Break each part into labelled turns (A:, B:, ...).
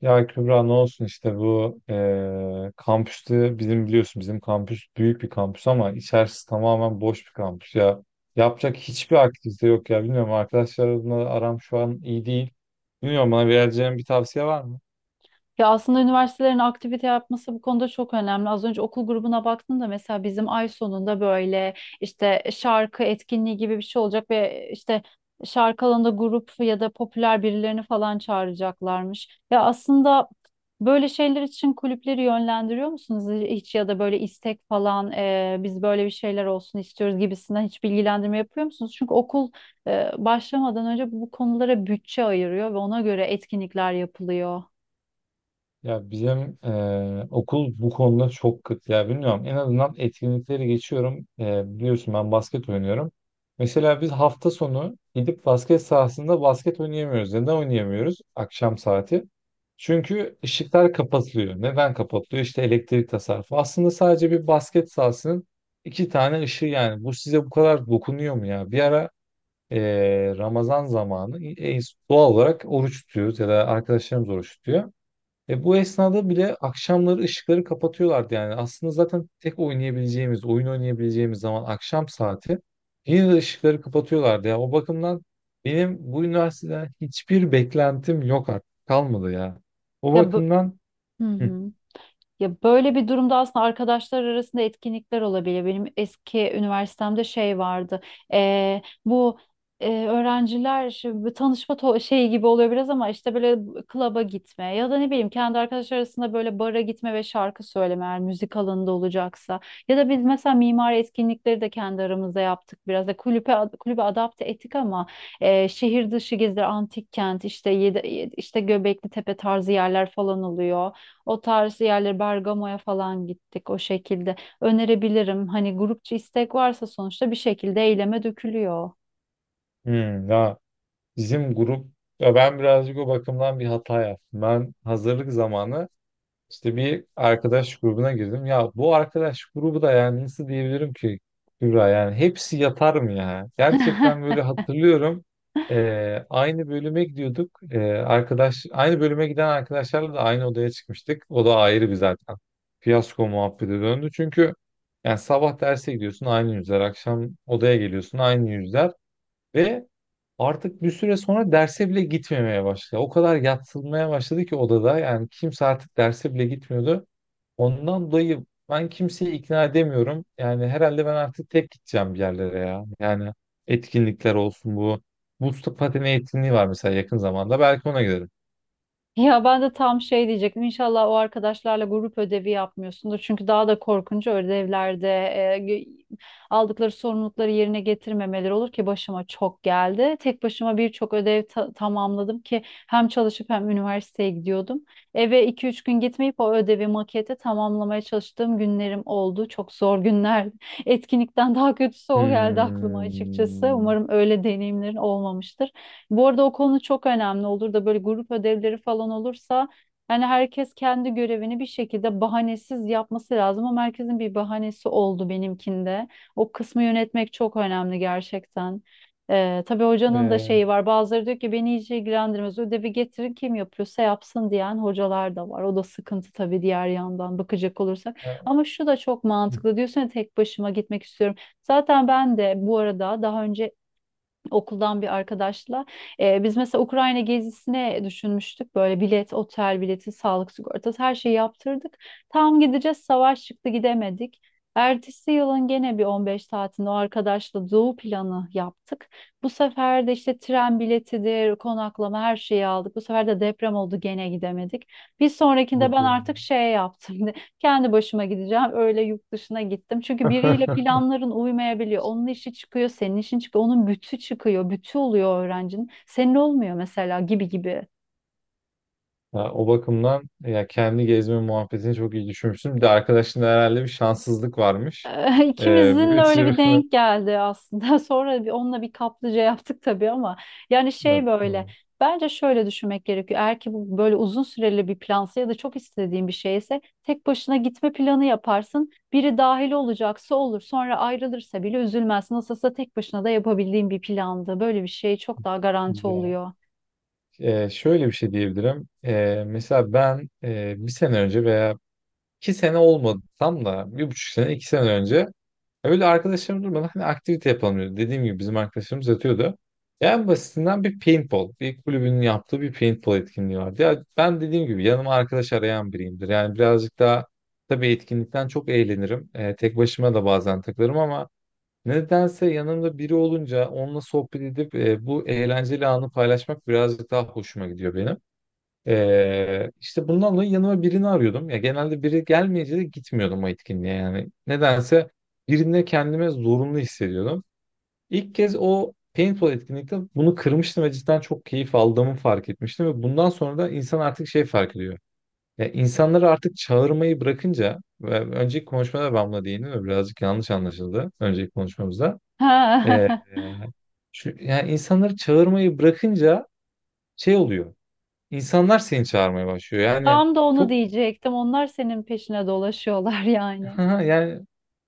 A: Ya Kübra ne olsun işte bu kampüste bizim biliyorsun bizim kampüs büyük bir kampüs ama içerisi tamamen boş bir kampüs ya. Yapacak hiçbir aktivite yok ya bilmiyorum arkadaşlar adına aram şu an iyi değil. Bilmiyorum bana vereceğin bir tavsiye var mı?
B: Ya aslında üniversitelerin aktivite yapması bu konuda çok önemli. Az önce okul grubuna baktım da mesela bizim ay sonunda böyle işte şarkı etkinliği gibi bir şey olacak ve işte şarkı alanında grup ya da popüler birilerini falan çağıracaklarmış. Ya aslında böyle şeyler için kulüpleri yönlendiriyor musunuz hiç ya da böyle istek falan biz böyle bir şeyler olsun istiyoruz gibisinden hiç bilgilendirme yapıyor musunuz? Çünkü okul başlamadan önce bu konulara bütçe ayırıyor ve ona göre etkinlikler yapılıyor.
A: Ya bizim okul bu konuda çok kıt ya bilmiyorum. En azından etkinlikleri geçiyorum. Biliyorsun ben basket oynuyorum. Mesela biz hafta sonu gidip basket sahasında basket oynayamıyoruz. Neden oynayamıyoruz? Akşam saati. Çünkü ışıklar kapatılıyor. Neden kapatılıyor? İşte elektrik tasarrufu. Aslında sadece bir basket sahasının iki tane ışığı yani. Bu size bu kadar dokunuyor mu ya? Bir ara Ramazan zamanı doğal olarak oruç tutuyoruz ya da arkadaşlarımız oruç tutuyor. Ve bu esnada bile akşamları ışıkları kapatıyorlardı yani. Aslında zaten tek oynayabileceğimiz, oyun oynayabileceğimiz zaman akşam saati yine de ışıkları kapatıyorlardı ya. O bakımdan benim bu üniversiteden hiçbir beklentim yok artık. Kalmadı ya. O
B: Ya bö-
A: bakımdan
B: Hı
A: hı,
B: hı. Ya böyle bir durumda aslında arkadaşlar arasında etkinlikler olabilir. Benim eski üniversitemde şey vardı. Ee, bu Öğrenciler şu bir şeyi gibi oluyor biraz ama işte böyle klaba gitme ya da ne bileyim kendi arkadaşlar arasında böyle bara gitme ve şarkı söyleme eğer müzik alanında olacaksa. Ya da biz mesela mimari etkinlikleri de kendi aramızda yaptık biraz da kulübe adapte ettik ama şehir dışı geziler, antik kent işte yedi, işte Göbekli Tepe tarzı yerler falan oluyor. O tarz yerleri Bergamo'ya falan gittik o şekilde. Önerebilirim. Hani grupça istek varsa sonuçta bir şekilde eyleme dökülüyor.
A: hı, ya bizim grup, ya ben birazcık o bakımdan bir hata yaptım. Ben hazırlık zamanı İşte bir arkadaş grubuna girdim. Ya bu arkadaş grubu da yani nasıl diyebilirim ki Kübra, yani hepsi yatar mı ya? Gerçekten böyle hatırlıyorum. Aynı bölüme gidiyorduk. Arkadaş aynı bölüme giden arkadaşlarla da aynı odaya çıkmıştık. O da ayrı bir zaten. Fiyasko muhabbete döndü. Çünkü yani sabah derse gidiyorsun aynı yüzler, akşam odaya geliyorsun aynı yüzler ve artık bir süre sonra derse bile gitmemeye başladı. O kadar yatsılmaya başladı ki odada. Yani kimse artık derse bile gitmiyordu. Ondan dolayı ben kimseyi ikna edemiyorum. Yani herhalde ben artık tek gideceğim bir yerlere ya. Yani etkinlikler olsun bu. Buz pateni etkinliği var mesela yakın zamanda. Belki ona giderim.
B: Ya ben de tam şey diyecektim. İnşallah o arkadaşlarla grup ödevi yapmıyorsundur. Çünkü daha da korkunç ödevlerde aldıkları sorumlulukları yerine getirmemeleri olur ki başıma çok geldi. Tek başıma birçok ödev tamamladım ki hem çalışıp hem üniversiteye gidiyordum. Eve iki üç gün gitmeyip o ödevi maketi tamamlamaya çalıştığım günlerim oldu. Çok zor günler. Etkinlikten daha kötüsü o geldi aklıma açıkçası.
A: Hmm.
B: Umarım öyle deneyimlerin olmamıştır. Bu arada o konu çok önemli olur da böyle grup ödevleri falan olursa yani herkes kendi görevini bir şekilde bahanesiz yapması lazım ama herkesin bir bahanesi oldu benimkinde. O kısmı yönetmek çok önemli gerçekten. Tabii hocanın da
A: Ee,
B: şeyi var. Bazıları diyor ki beni hiç ilgilendirmez. Ödevi getirin kim yapıyorsa yapsın diyen hocalar da var. O da sıkıntı tabii diğer yandan bakacak olursak. Ama şu da çok mantıklı. Diyorsun ya tek başıma gitmek istiyorum. Zaten ben de bu arada daha önce okuldan bir arkadaşla. Biz mesela Ukrayna gezisine düşünmüştük. Böyle bilet, otel bileti, sağlık sigortası her şeyi yaptırdık. Tam gideceğiz savaş çıktı gidemedik. Ertesi yılın gene bir 15 saatinde o arkadaşla doğu planı yaptık. Bu sefer de işte tren biletidir, konaklama her şeyi aldık. Bu sefer de deprem oldu gene gidemedik. Bir sonrakinde
A: hadi
B: ben
A: ya.
B: artık şey yaptım. Kendi başıma gideceğim. Öyle yurt dışına gittim. Çünkü biriyle planların uymayabiliyor. Onun işi çıkıyor, senin işin çıkıyor. Onun bütü çıkıyor. Bütü oluyor öğrencinin. Senin olmuyor mesela gibi gibi.
A: Ya o bakımdan ya kendi gezme muhabbetini çok iyi düşünmüşsün. Bir de arkadaşında herhalde bir şanssızlık varmış.
B: İkimizin de
A: Bir
B: öyle bir
A: tür...
B: denk geldi aslında. Sonra bir onunla bir kaplıca yaptık tabii ama yani şey
A: Evet,
B: böyle
A: tamam.
B: bence şöyle düşünmek gerekiyor. Eğer ki bu böyle uzun süreli bir plansa ya da çok istediğin bir şeyse tek başına gitme planı yaparsın. Biri dahil olacaksa olur. Sonra ayrılırsa bile üzülmezsin. Nasılsa tek başına da yapabildiğin bir plandı. Böyle bir şey çok daha garanti
A: Ya,
B: oluyor.
A: şöyle bir şey diyebilirim. Mesela ben bir sene önce veya iki sene olmadı tam da bir buçuk sene iki sene önce öyle arkadaşlarım durmadan hani aktivite yapalım dedi. Dediğim gibi bizim arkadaşlarımız yatıyordu. En basitinden bir paintball. Bir kulübünün yaptığı bir paintball etkinliği vardı. Ya ben dediğim gibi yanıma arkadaş arayan biriyimdir. Yani birazcık daha tabii etkinlikten çok eğlenirim. Tek başıma da bazen takılırım ama nedense yanımda biri olunca onunla sohbet edip bu eğlenceli anı paylaşmak birazcık daha hoşuma gidiyor benim. İşte bundan dolayı yanıma birini arıyordum. Ya genelde biri gelmeyince de gitmiyordum o etkinliğe yani. Nedense birinde kendime zorunlu hissediyordum. İlk kez o paintball etkinlikte bunu kırmıştım ve cidden çok keyif aldığımı fark etmiştim ve bundan sonra da insan artık şey fark ediyor. Ya insanları artık çağırmayı bırakınca ve önceki konuşmada ben buna değindim ve birazcık yanlış anlaşıldı önceki konuşmamızda. Ee, şu, yani insanları çağırmayı bırakınca şey oluyor. İnsanlar seni çağırmaya başlıyor. Yani
B: Tam da onu
A: çok.
B: diyecektim. Onlar senin peşine dolaşıyorlar yani.
A: Ha, yani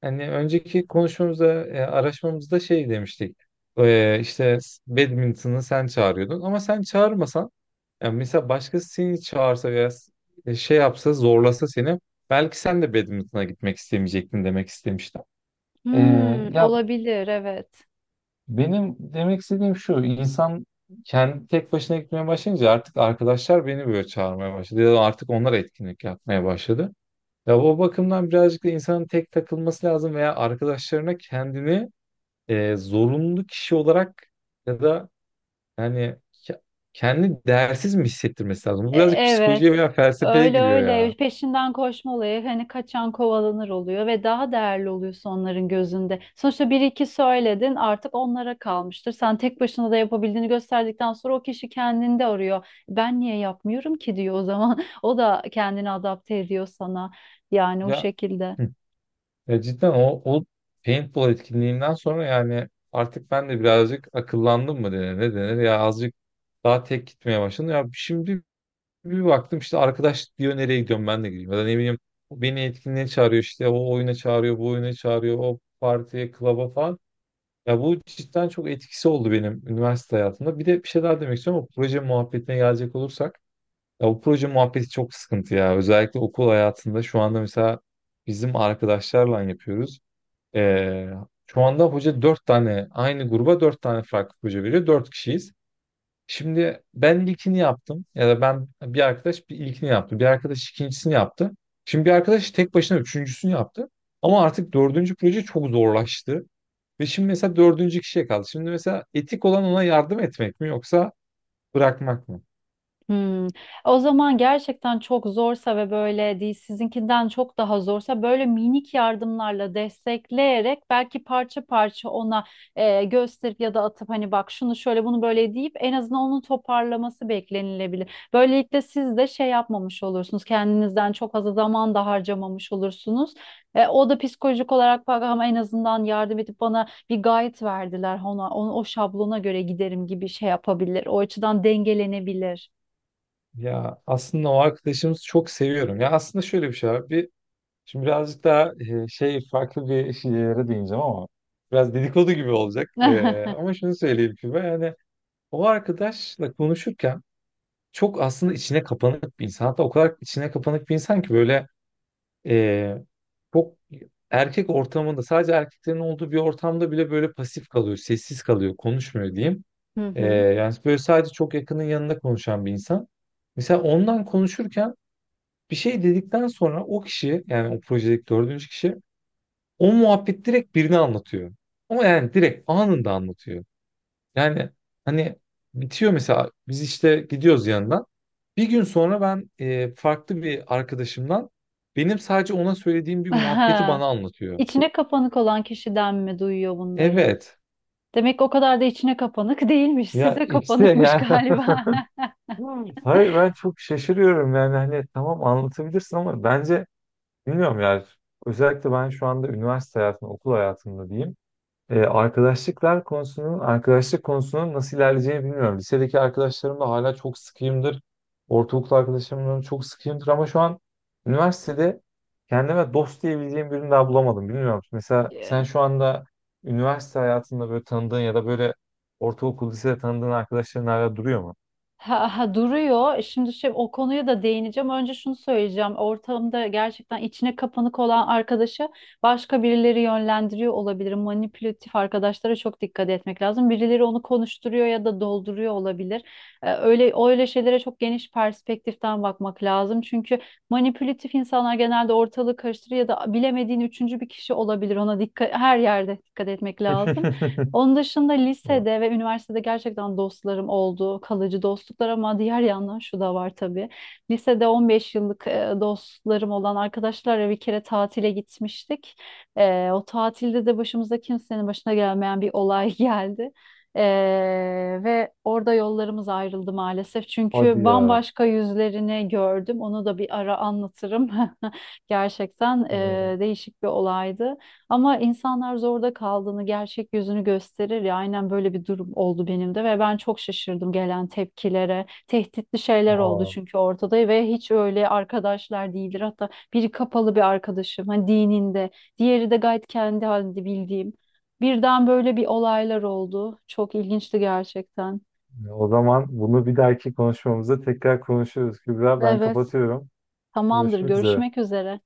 A: hani önceki konuşmamızda, araşmamızda şey demiştik. İşte badminton'ı sen çağırıyordun ama sen çağırmasan yani mesela başkası seni çağırsa veya şey yapsa zorlasa seni belki sen de badminton'a gitmek istemeyecektin demek istemiştim. E,
B: Hmm,
A: ya
B: olabilir evet.
A: benim demek istediğim şu: insan kendi tek başına gitmeye başlayınca artık arkadaşlar beni böyle çağırmaya başladı ya da artık onlar etkinlik yapmaya başladı. Ya o bakımdan birazcık da insanın tek takılması lazım veya arkadaşlarına kendini zorunlu kişi olarak ya da yani kendi değersiz mi hissettirmesi lazım? Bu birazcık
B: Evet.
A: psikolojiye veya felsefeye
B: Öyle
A: giriyor ya.
B: öyle peşinden koşma olayı hani kaçan kovalanır oluyor ve daha değerli oluyorsun onların gözünde. Sonuçta bir iki söyledin artık onlara kalmıştır. Sen tek başına da yapabildiğini gösterdikten sonra o kişi kendinde arıyor. Ben niye yapmıyorum ki diyor o zaman. O da kendini adapte ediyor sana. Yani o
A: Ya,
B: şekilde.
A: hı. Ya cidden o, o paintball etkinliğinden sonra yani artık ben de birazcık akıllandım mı denir ne denir ya azıcık daha tek gitmeye başladım. Ya şimdi bir baktım işte arkadaş diyor nereye gidiyorum ben de gideyim. Ya da ne bileyim beni etkinliğe çağırıyor işte o oyuna çağırıyor bu oyuna çağırıyor o partiye klaba falan. Ya bu cidden çok etkisi oldu benim üniversite hayatımda. Bir de bir şey daha demek istiyorum o proje muhabbetine gelecek olursak. Ya bu proje muhabbeti çok sıkıntı ya. Özellikle okul hayatında şu anda mesela bizim arkadaşlarla yapıyoruz. Ee, şu anda hoca dört tane aynı gruba dört tane farklı proje veriyor. Dört kişiyiz. Şimdi ben ilkini yaptım ya da ben bir arkadaş bir ilkini yaptı. Bir arkadaş ikincisini yaptı. Şimdi bir arkadaş tek başına üçüncüsünü yaptı. Ama artık dördüncü proje çok zorlaştı. Ve şimdi mesela dördüncü kişiye kaldı. Şimdi mesela etik olan ona yardım etmek mi yoksa bırakmak mı?
B: Hmm. O zaman gerçekten çok zorsa ve böyle değil sizinkinden çok daha zorsa böyle minik yardımlarla destekleyerek belki parça parça ona gösterip ya da atıp hani bak şunu şöyle bunu böyle deyip en azından onun toparlaması beklenilebilir. Böylelikle siz de şey yapmamış olursunuz kendinizden çok fazla zaman da harcamamış olursunuz. O da psikolojik olarak bak ama en azından yardım edip bana bir guide verdiler ona, onu, o şablona göre giderim gibi şey yapabilir. O açıdan dengelenebilir.
A: Ya aslında o arkadaşımızı çok seviyorum. Ya aslında şöyle bir şey var. Bir, şimdi birazcık daha şey farklı bir şeylere değineceğim ama biraz dedikodu gibi olacak. Ama şunu söyleyeyim ki ben yani o arkadaşla konuşurken çok aslında içine kapanık bir insan. Hatta o kadar içine kapanık bir insan ki böyle e, çok erkek ortamında sadece erkeklerin olduğu bir ortamda bile böyle pasif kalıyor, sessiz kalıyor, konuşmuyor diyeyim.
B: Hı hı.
A: Yani böyle sadece çok yakının yanında konuşan bir insan. Mesela ondan konuşurken bir şey dedikten sonra o kişi yani o projedeki dördüncü kişi o muhabbet direkt birine anlatıyor. Ama yani direkt anında anlatıyor. Yani hani bitiyor mesela biz işte gidiyoruz yanından. Bir gün sonra ben farklı bir arkadaşımdan benim sadece ona söylediğim bir muhabbeti bana anlatıyor.
B: İçine kapanık olan kişiden mi duyuyor bunları?
A: Evet.
B: Demek o kadar da içine kapanık değilmiş.
A: Ya
B: Size
A: işte
B: kapanıkmış
A: yani
B: galiba.
A: hayır ben çok şaşırıyorum yani hani tamam anlatabilirsin ama bence bilmiyorum yani özellikle ben şu anda üniversite hayatında okul hayatında diyeyim. Arkadaşlıklar konusunun, arkadaşlık konusunun nasıl ilerleyeceğini bilmiyorum. Lisedeki arkadaşlarımla hala çok sıkıyımdır. Ortaokul arkadaşlarımla çok sıkıyımdır ama şu an üniversitede kendime dost diyebileceğim birini daha bulamadım. Bilmiyorum. Mesela sen şu anda üniversite hayatında böyle tanıdığın ya da böyle ortaokul, lisede tanıdığın arkadaşların hala duruyor mu?
B: Ha, ha, duruyor. Şimdi şey, o konuya da değineceğim. Önce şunu söyleyeceğim. Ortamda gerçekten içine kapanık olan arkadaşı başka birileri yönlendiriyor olabilir. Manipülatif arkadaşlara çok dikkat etmek lazım. Birileri onu konuşturuyor ya da dolduruyor olabilir. Öyle öyle şeylere çok geniş perspektiften bakmak lazım. Çünkü manipülatif insanlar genelde ortalığı karıştırır ya da bilemediğin üçüncü bir kişi olabilir. Ona her yerde dikkat etmek lazım. Onun dışında lisede ve üniversitede gerçekten dostlarım oldu, kalıcı dostluklar ama diğer yandan şu da var tabii. Lisede 15 yıllık dostlarım olan arkadaşlarla bir kere tatile gitmiştik. O tatilde de başımıza kimsenin başına gelmeyen bir olay geldi. E, Ve orada yollarımız ayrıldı maalesef.
A: Hadi
B: Çünkü
A: ya.
B: bambaşka yüzlerini gördüm. Onu da bir ara anlatırım. Gerçekten
A: Ya.
B: değişik bir olaydı. Ama insanlar zorda kaldığını, gerçek yüzünü gösterir ya. Aynen böyle bir durum oldu benim de ve ben çok şaşırdım gelen tepkilere. Tehditli şeyler oldu
A: Aa.
B: çünkü ortada ve hiç öyle arkadaşlar değildir. Hatta biri kapalı bir arkadaşım, hani dininde, diğeri de gayet kendi halinde bildiğim. Birden böyle bir olaylar oldu. Çok ilginçti gerçekten.
A: Ya o zaman bunu bir dahaki konuşmamızda tekrar konuşuruz. Kübra ben
B: Evet,
A: kapatıyorum.
B: tamamdır.
A: Görüşmek üzere.
B: Görüşmek üzere.